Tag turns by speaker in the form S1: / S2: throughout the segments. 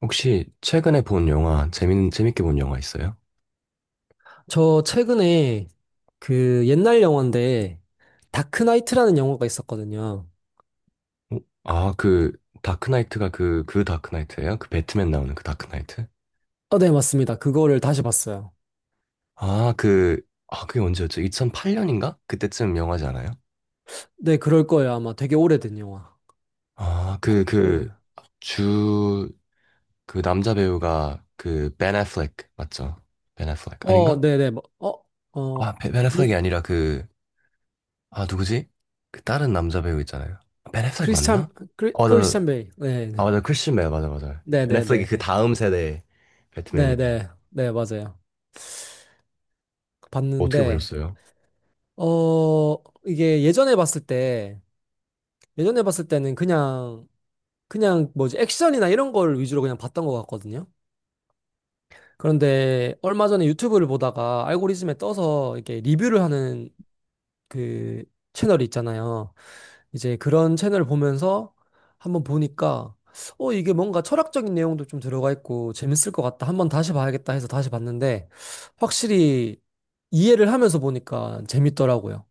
S1: 혹시 최근에 본 영화, 재밌게 본 영화 있어요?
S2: 저 최근에 그 옛날 영화인데 다크나이트라는 영화가 있었거든요.
S1: 어? 아, 그, 다크나이트가 그 다크나이트예요? 그 배트맨 나오는 그 다크나이트?
S2: 네, 맞습니다. 그거를 다시 봤어요.
S1: 아, 그, 아, 그게 언제였죠? 2008년인가? 그때쯤 영화지 않아요?
S2: 네, 그럴 거예요. 아마 되게 오래된 영화.
S1: 아, 그,
S2: 네.
S1: 그, 주, 그 남자 배우가 그, 벤 애플렉, 맞죠? 벤 애플렉, 아닌가?
S2: 네, 네. 어,
S1: 아, 벤 애플렉이
S2: 그-
S1: 아니라 그, 아, 누구지? 그 다른 남자 배우 있잖아요. 벤 애플렉
S2: 크리스찬
S1: 맞나? 어, 나,
S2: 크리스찬 베일. 네,
S1: 아 맞아 크리스맨 맞아 맞아.
S2: 네, 네,
S1: 넷플릭이
S2: 네,
S1: 그
S2: 네,
S1: 다음 세대
S2: 네, 네,
S1: 배트맨이고.
S2: 네, 네, 맞아요.
S1: 어떻게
S2: 봤는데
S1: 보셨어요?
S2: 이게 예전에 봤을 때 예전에 봤을 때는 그냥 뭐지 액션이나 이런 걸 위주로 그냥 봤던 것 같거든요. 그런데 얼마 전에 유튜브를 보다가 알고리즘에 떠서 이렇게 리뷰를 하는 그 채널이 있잖아요. 이제 그런 채널을 보면서 한번 보니까 이게 뭔가 철학적인 내용도 좀 들어가 있고 재밌을 것 같다. 한번 다시 봐야겠다 해서 다시 봤는데 확실히 이해를 하면서 보니까 재밌더라고요.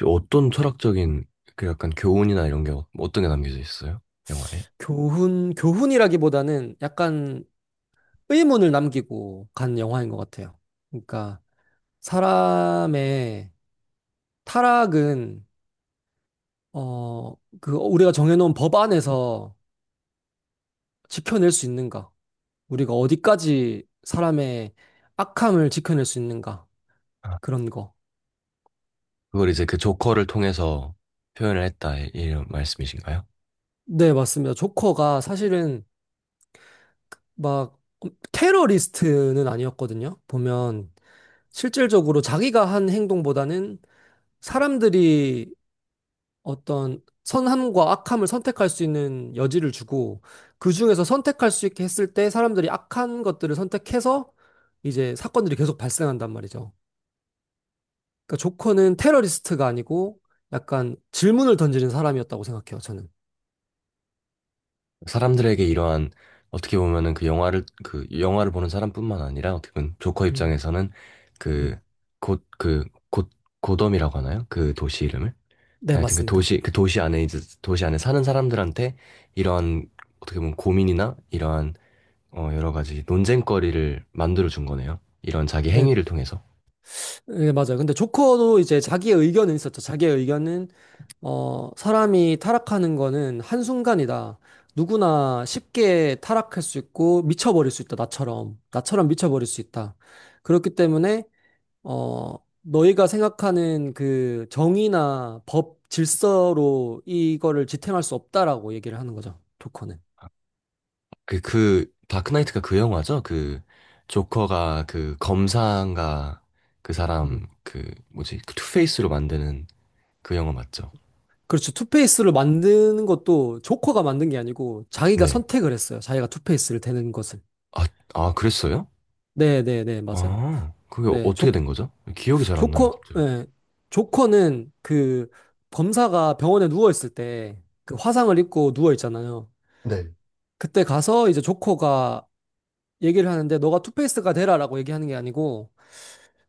S1: 혹시 어떤 철학적인 그 약간 교훈이나 이런 게 어떤 게 남겨져 있어요? 영화에?
S2: 교훈이라기보다는 약간 의문을 남기고 간 영화인 것 같아요. 그러니까 사람의 타락은 어, 그 우리가 정해놓은 법 안에서 지켜낼 수 있는가? 우리가 어디까지 사람의 악함을 지켜낼 수 있는가?
S1: 아.
S2: 그런 거.
S1: 그걸 이제 그 조커를 통해서 표현을 했다 이런 말씀이신가요?
S2: 네, 맞습니다. 조커가 사실은 막 테러리스트는 아니었거든요. 보면 실질적으로 자기가 한 행동보다는 사람들이 어떤 선함과 악함을 선택할 수 있는 여지를 주고 그 중에서 선택할 수 있게 했을 때 사람들이 악한 것들을 선택해서 이제 사건들이 계속 발생한단 말이죠. 그러니까 조커는 테러리스트가 아니고 약간 질문을 던지는 사람이었다고 생각해요, 저는.
S1: 사람들에게 이러한 어떻게 보면은 그 영화를 보는 사람뿐만 아니라 어떻게 보면 조커
S2: 음,
S1: 입장에서는 그
S2: 음.
S1: 곧 곧 고덤이라고 하나요? 그 도시 이름을?
S2: 네,
S1: 하여튼 그
S2: 맞습니다.
S1: 도시, 그 도시 안에 이제 도시 안에 사는 사람들한테 이러한 어떻게 보면 고민이나 이러한 어, 여러 가지 논쟁거리를 만들어 준 거네요. 이런 자기
S2: 네,
S1: 행위를 통해서.
S2: 네, 맞아요. 근데 조커도 이제 자기의 의견은 있었죠. 자기의 의견은, 사람이 타락하는 거는 한순간이다. 누구나 쉽게 타락할 수 있고 미쳐버릴 수 있다. 나처럼. 나처럼 미쳐버릴 수 있다. 그렇기 때문에, 어, 너희가 생각하는 그 정의나 법, 질서로 이거를 지탱할 수 없다라고 얘기를 하는 거죠. 조커는.
S1: 그, 그, 다크나이트가 그 영화죠? 그, 조커가 그 검사인가 그 사람,
S2: 음.
S1: 그, 뭐지, 그 투페이스로 만드는 그 영화 맞죠?
S2: 그렇죠. 투페이스를 만드는 것도 조커가 만든 게 아니고 자기가
S1: 네.
S2: 선택을 했어요. 자기가 투페이스를 되는 것을.
S1: 아, 아, 그랬어요?
S2: 네, 네, 네, 맞아요.
S1: 아, 그게
S2: 네,
S1: 어떻게
S2: 조,
S1: 된 거죠? 기억이 잘 안 나요,
S2: 조커,
S1: 갑자기.
S2: 네. 조커는 그 범사가 병원에 누워 있을 때 그 화상을 입고 누워 있잖아요.
S1: 네.
S2: 그때 가서 이제 조커가 얘기를 하는데 너가 투페이스가 되라라고 얘기하는 게 아니고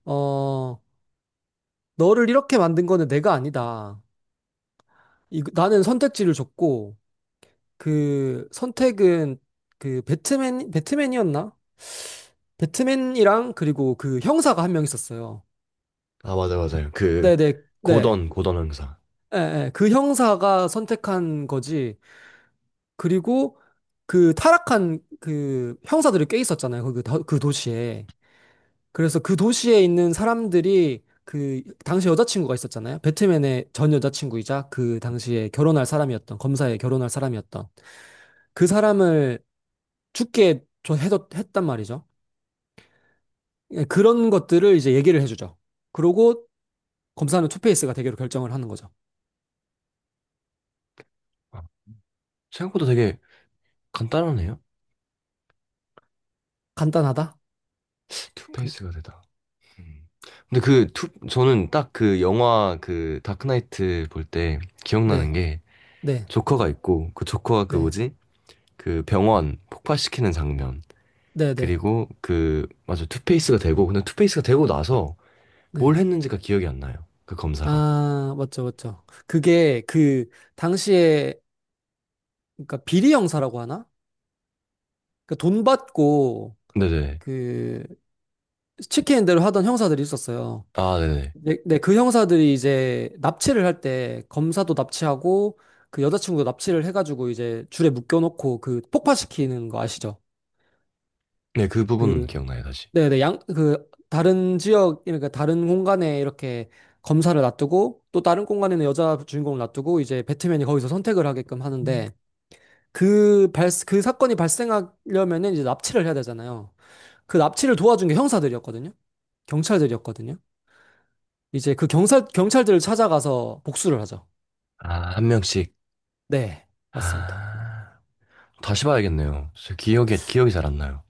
S2: 어, 너를 이렇게 만든 거는 내가 아니다. 이, 나는 선택지를 줬고 그 선택은 그 배트맨이었나? 배트맨이랑 그리고 그 형사가 한 명 있었어요.
S1: 아, 맞아, 맞아요. 그,
S2: 네네 네.
S1: 고던 형사.
S2: 예, 예. 그 형사가 선택한 거지. 그리고 그 타락한 그 형사들이 꽤 있었잖아요. 그 도시에. 그래서 그 도시에 있는 사람들이 그 당시 여자친구가 있었잖아요. 배트맨의 전 여자친구이자 그 당시에 결혼할 사람이었던 검사에 결혼할 사람이었던 그 사람을 했단 말이죠. 예, 그런 것들을 이제 얘기를 해주죠. 그러고 검사는 투페이스가 되기로 결정을 하는 거죠.
S1: 생각보다 되게 간단하네요.
S2: 간단하다? 간-
S1: 투페이스가 되다. 음. 근데 그
S2: 음.
S1: 투, 저는 딱 그 영화 그 다크나이트 볼 때 기억나는
S2: 네,
S1: 게
S2: 네,
S1: 조커가 있고 그 조커가 그
S2: 네,
S1: 뭐지? 그 병원 폭발시키는 장면.
S2: 네, 네,
S1: 그리고 그 맞아 투페이스가 되고 근데 투페이스가 되고 나서
S2: 네.
S1: 뭘 했는지가 기억이 안 나요. 그 검사가.
S2: 아, 맞죠, 맞죠. 그게 그 당시에 그러니까 비리 형사라고 하나? 그돈 받고
S1: 네네.
S2: 그 시키는 대로 하던 형사들이 있었어요.
S1: 아, 네네.
S2: 네, 네, 그 형사들이 이제 납치를 할 때 검사도 납치하고 그 여자친구도 납치를 해가지고 이제 줄에 묶여놓고 그 폭파시키는 거 아시죠?
S1: 네, 그 부분은
S2: 그
S1: 기억나요, 다시.
S2: 네네, 양, 그, 다른 지역, 그러니까 다른 공간에 이렇게 검사를 놔두고 또 다른 공간에는 여자 주인공을 놔두고 이제 배트맨이 거기서 선택을 하게끔 하는데 그 사건이 발생하려면은 이제 납치를 해야 되잖아요. 그 납치를 도와준 게 형사들이었거든요. 경찰들이었거든요. 경찰들을 찾아가서 복수를 하죠.
S1: 아, 한 명씩.
S2: 네, 맞습니다.
S1: 아, 다시 봐야겠네요. 저 기억이 잘 안 나요.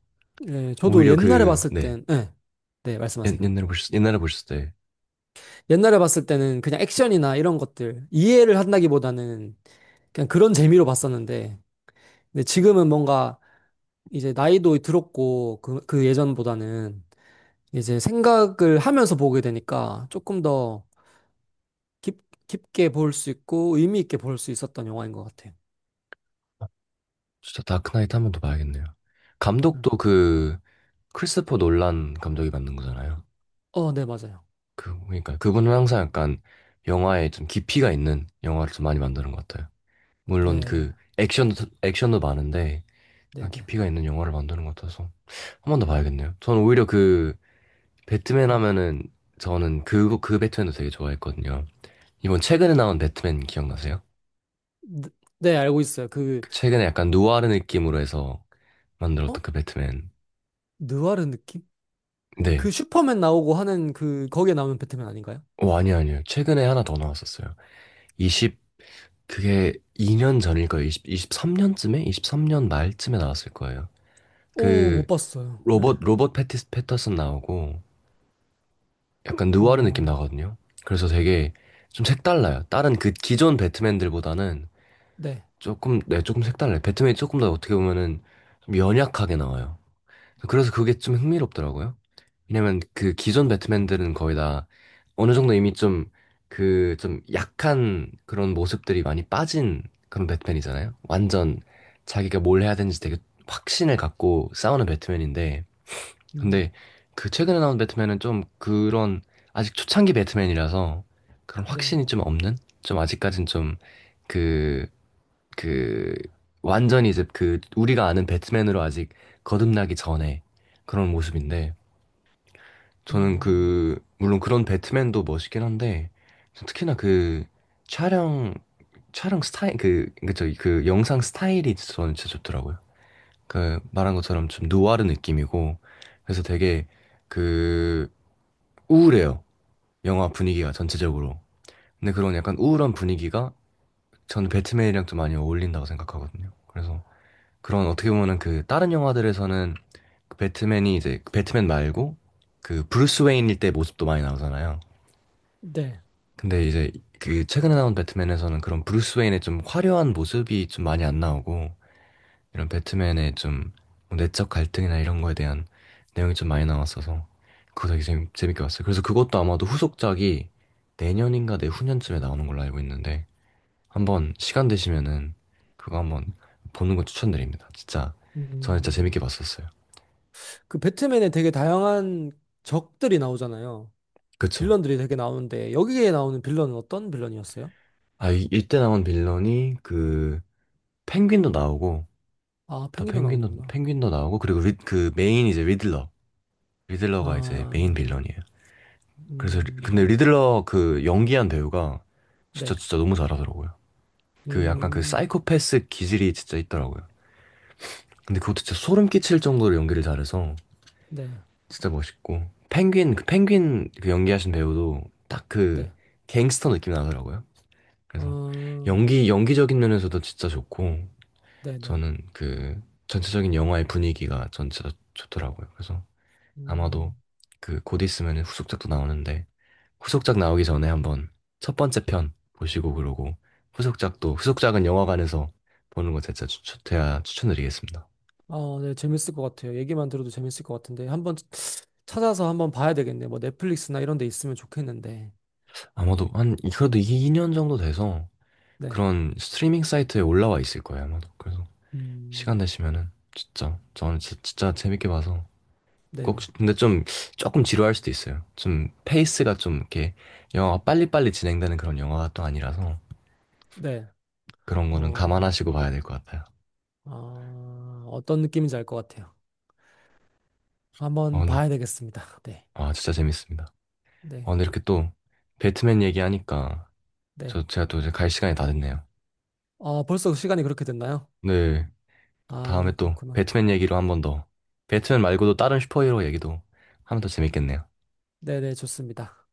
S2: 예, 저도
S1: 오히려
S2: 옛날에
S1: 그,
S2: 봤을
S1: 네.
S2: 땐, 예, 네, 말씀하세요.
S1: 옛날에 보셨을 때.
S2: 옛날에 봤을 때는 그냥 액션이나 이런 것들 이해를 한다기보다는 그냥 그런 재미로 봤었는데, 근데 지금은 뭔가 이제 나이도 들었고, 그 예전보다는 이제 생각을 하면서 보게 되니까 조금 더 깊게 볼 수 있고 의미 있게 볼 수 있었던 영화인 것 같아요.
S1: 진짜 다크나이트 한 번 더 봐야겠네요.
S2: 음.
S1: 감독도 그 크리스토퍼 놀란 감독이 만든 거잖아요.
S2: 네, 맞아요.
S1: 그 그러니까 그분은 항상 약간 영화에 좀 깊이가 있는 영화를 좀 많이 만드는 것 같아요. 물론
S2: 네,
S1: 그 액션도 많은데
S2: 네,
S1: 약간
S2: 네.
S1: 깊이가 있는 영화를 만드는 것 같아서 한 번 더
S2: 네,
S1: 봐야겠네요. 저는 오히려 그 배트맨
S2: 음.
S1: 하면은 저는 그거 그 배트맨도 되게 좋아했거든요. 이번 최근에 나온 배트맨 기억나세요?
S2: 네, 네, 알고 있어요. 그,
S1: 그 최근에 약간 누아르 느낌으로 해서
S2: 어?
S1: 만들었던 그 배트맨.
S2: 느와르 느낌? 그
S1: 네,
S2: 슈퍼맨 나오고 하는 그, 거기에 나오는 배트맨 아닌가요?
S1: 어, 아니요, 아니요. 최근에 하나 더 나왔었어요. 20, 그게 2년 전일 거예요. 20, 23년쯤에? 23년 말쯤에 나왔을 거예요.
S2: 오, 못
S1: 그,
S2: 봤어요. 네.
S1: 로봇 패티스, 패터슨 나오고, 약간 느와르 느낌
S2: 어,
S1: 나거든요. 그래서 되게 좀 색달라요. 다른 그 기존 배트맨들보다는
S2: 네.
S1: 조금, 네, 조금 색달라요. 배트맨이 조금 더 어떻게 보면은 좀 연약하게 나와요. 그래서 그게 좀 흥미롭더라고요. 왜냐면 그 기존 배트맨들은 거의 다 어느 정도 이미 좀 그 좀 약한 그런 모습들이 많이 빠진 그런 배트맨이잖아요. 완전 자기가 뭘 해야 되는지 되게 확신을 갖고 싸우는 배트맨인데
S2: 음,
S1: 근데 그 최근에 나온 배트맨은 좀 그런 아직 초창기 배트맨이라서 그런
S2: 네.
S1: 확신이 좀 없는 좀 아직까진 좀그 그 완전히 이제 그 우리가 아는 배트맨으로 아직 거듭나기 전에 그런
S2: 음,
S1: 모습인데 저는
S2: 음,
S1: 그 물론 그런 배트맨도 멋있긴 한데 특히나 그 촬영 촬영 스타일 그 그저 그 영상 스타일이 저는 진짜 좋더라고요. 그 말한 것처럼 좀 누아르 느낌이고 그래서 되게 그 우울해요. 영화 분위기가 전체적으로. 근데 그런 약간 우울한 분위기가 저는 배트맨이랑 좀 많이 어울린다고 생각하거든요. 그래서 그런 어떻게 보면은 그 다른 영화들에서는 그 배트맨이 이제 그 배트맨 말고 그 브루스 웨인일 때 모습도 많이 나오잖아요.
S2: 네.
S1: 근데 이제 그 최근에 나온 배트맨에서는 그런 브루스 웨인의 좀 화려한 모습이 좀 많이 안 나오고 이런 배트맨의 좀뭐 내적 갈등이나 이런 거에 대한 내용이 좀 많이 나왔어서 그거 되게 재밌게 봤어요. 그래서 그것도 아마도 후속작이 내년인가 내후년쯤에 나오는 걸로 알고 있는데 한번 시간 되시면은 그거 한번 보는 거 추천드립니다. 진짜 저는 진짜
S2: 음,
S1: 재밌게 봤었어요.
S2: 그 배트맨에 되게 다양한 적들이 나오잖아요.
S1: 그쵸.
S2: 빌런들이 되게 나오는데 여기에 나오는 빌런은 어떤 빌런이었어요?
S1: 이때 나온 빌런이 그 펭귄도 나오고,
S2: 아,
S1: 더
S2: 펭귄도
S1: 펭귄도,
S2: 나오는구나.
S1: 펭귄도 나오고, 그리고 리, 그 메인 이제 리들러. 리들러가 이제 메인
S2: 아,
S1: 빌런이에요. 그래서, 근데
S2: 음,
S1: 리들러 그 연기한 배우가
S2: 네,
S1: 진짜 진짜 너무 잘하더라고요. 그 약간 그
S2: 음,
S1: 사이코패스 기질이 진짜 있더라고요. 근데 그것도 진짜 소름 끼칠 정도로 연기를 잘해서
S2: 네,
S1: 진짜 멋있고. 펭귄, 그 펭귄 그 연기하신 배우도 딱 그
S2: 네,
S1: 갱스터 느낌 나더라고요. 그래서
S2: 어,
S1: 연기적인 면에서도 진짜 좋고,
S2: 네, 네,
S1: 저는 그 전체적인 영화의 분위기가 전체가 좋더라고요. 그래서 아마도
S2: 음,
S1: 그 곧 있으면 후속작도 나오는데 후속작 나오기 전에 한번 첫 번째 편 보시고 그러고 후속작도 후속작은 영화관에서 보는 거 진짜 추천해야 추천드리겠습니다.
S2: 아, 네, 재밌을 것 같아요. 얘기만 들어도 재밌을 것 같은데 한번 찾아서 한번 봐야 되겠네. 뭐 넷플릭스나 이런 데 있으면 좋겠는데,
S1: 아마도 한 그래도 2년 정도 돼서
S2: 네,
S1: 그런 스트리밍 사이트에 올라와 있을 거예요. 아마도 그래서 시간
S2: 음,
S1: 되시면은 진짜 저는 진짜 재밌게 봐서
S2: 네,
S1: 꼭,
S2: 네,
S1: 근데 좀, 조금 지루할 수도 있어요. 좀, 페이스가 좀, 이렇게, 영화가 빨리빨리 진행되는 그런 영화가 또 아니라서,
S2: 네,
S1: 그런 거는
S2: 어.
S1: 감안하시고 봐야 될 것 같아요.
S2: 아, 어떤 느낌인지 알 것 같아요.
S1: 어,
S2: 한번
S1: 근데,
S2: 봐야 되겠습니다. 네,
S1: 아, 진짜 재밌습니다.
S2: 네,
S1: 어, 근데 이렇게 또, 배트맨 얘기하니까,
S2: 네.
S1: 저, 제가 또 이제 갈 시간이 다 됐네요.
S2: 어, 벌써 시간이 그렇게 됐나요?
S1: 네, 다음에
S2: 아,
S1: 또,
S2: 그렇구나.
S1: 배트맨 얘기로 한번 더, 배트맨 말고도 다른 슈퍼히어로 얘기도 하면 더 재밌겠네요.
S2: 네, 네, 좋습니다.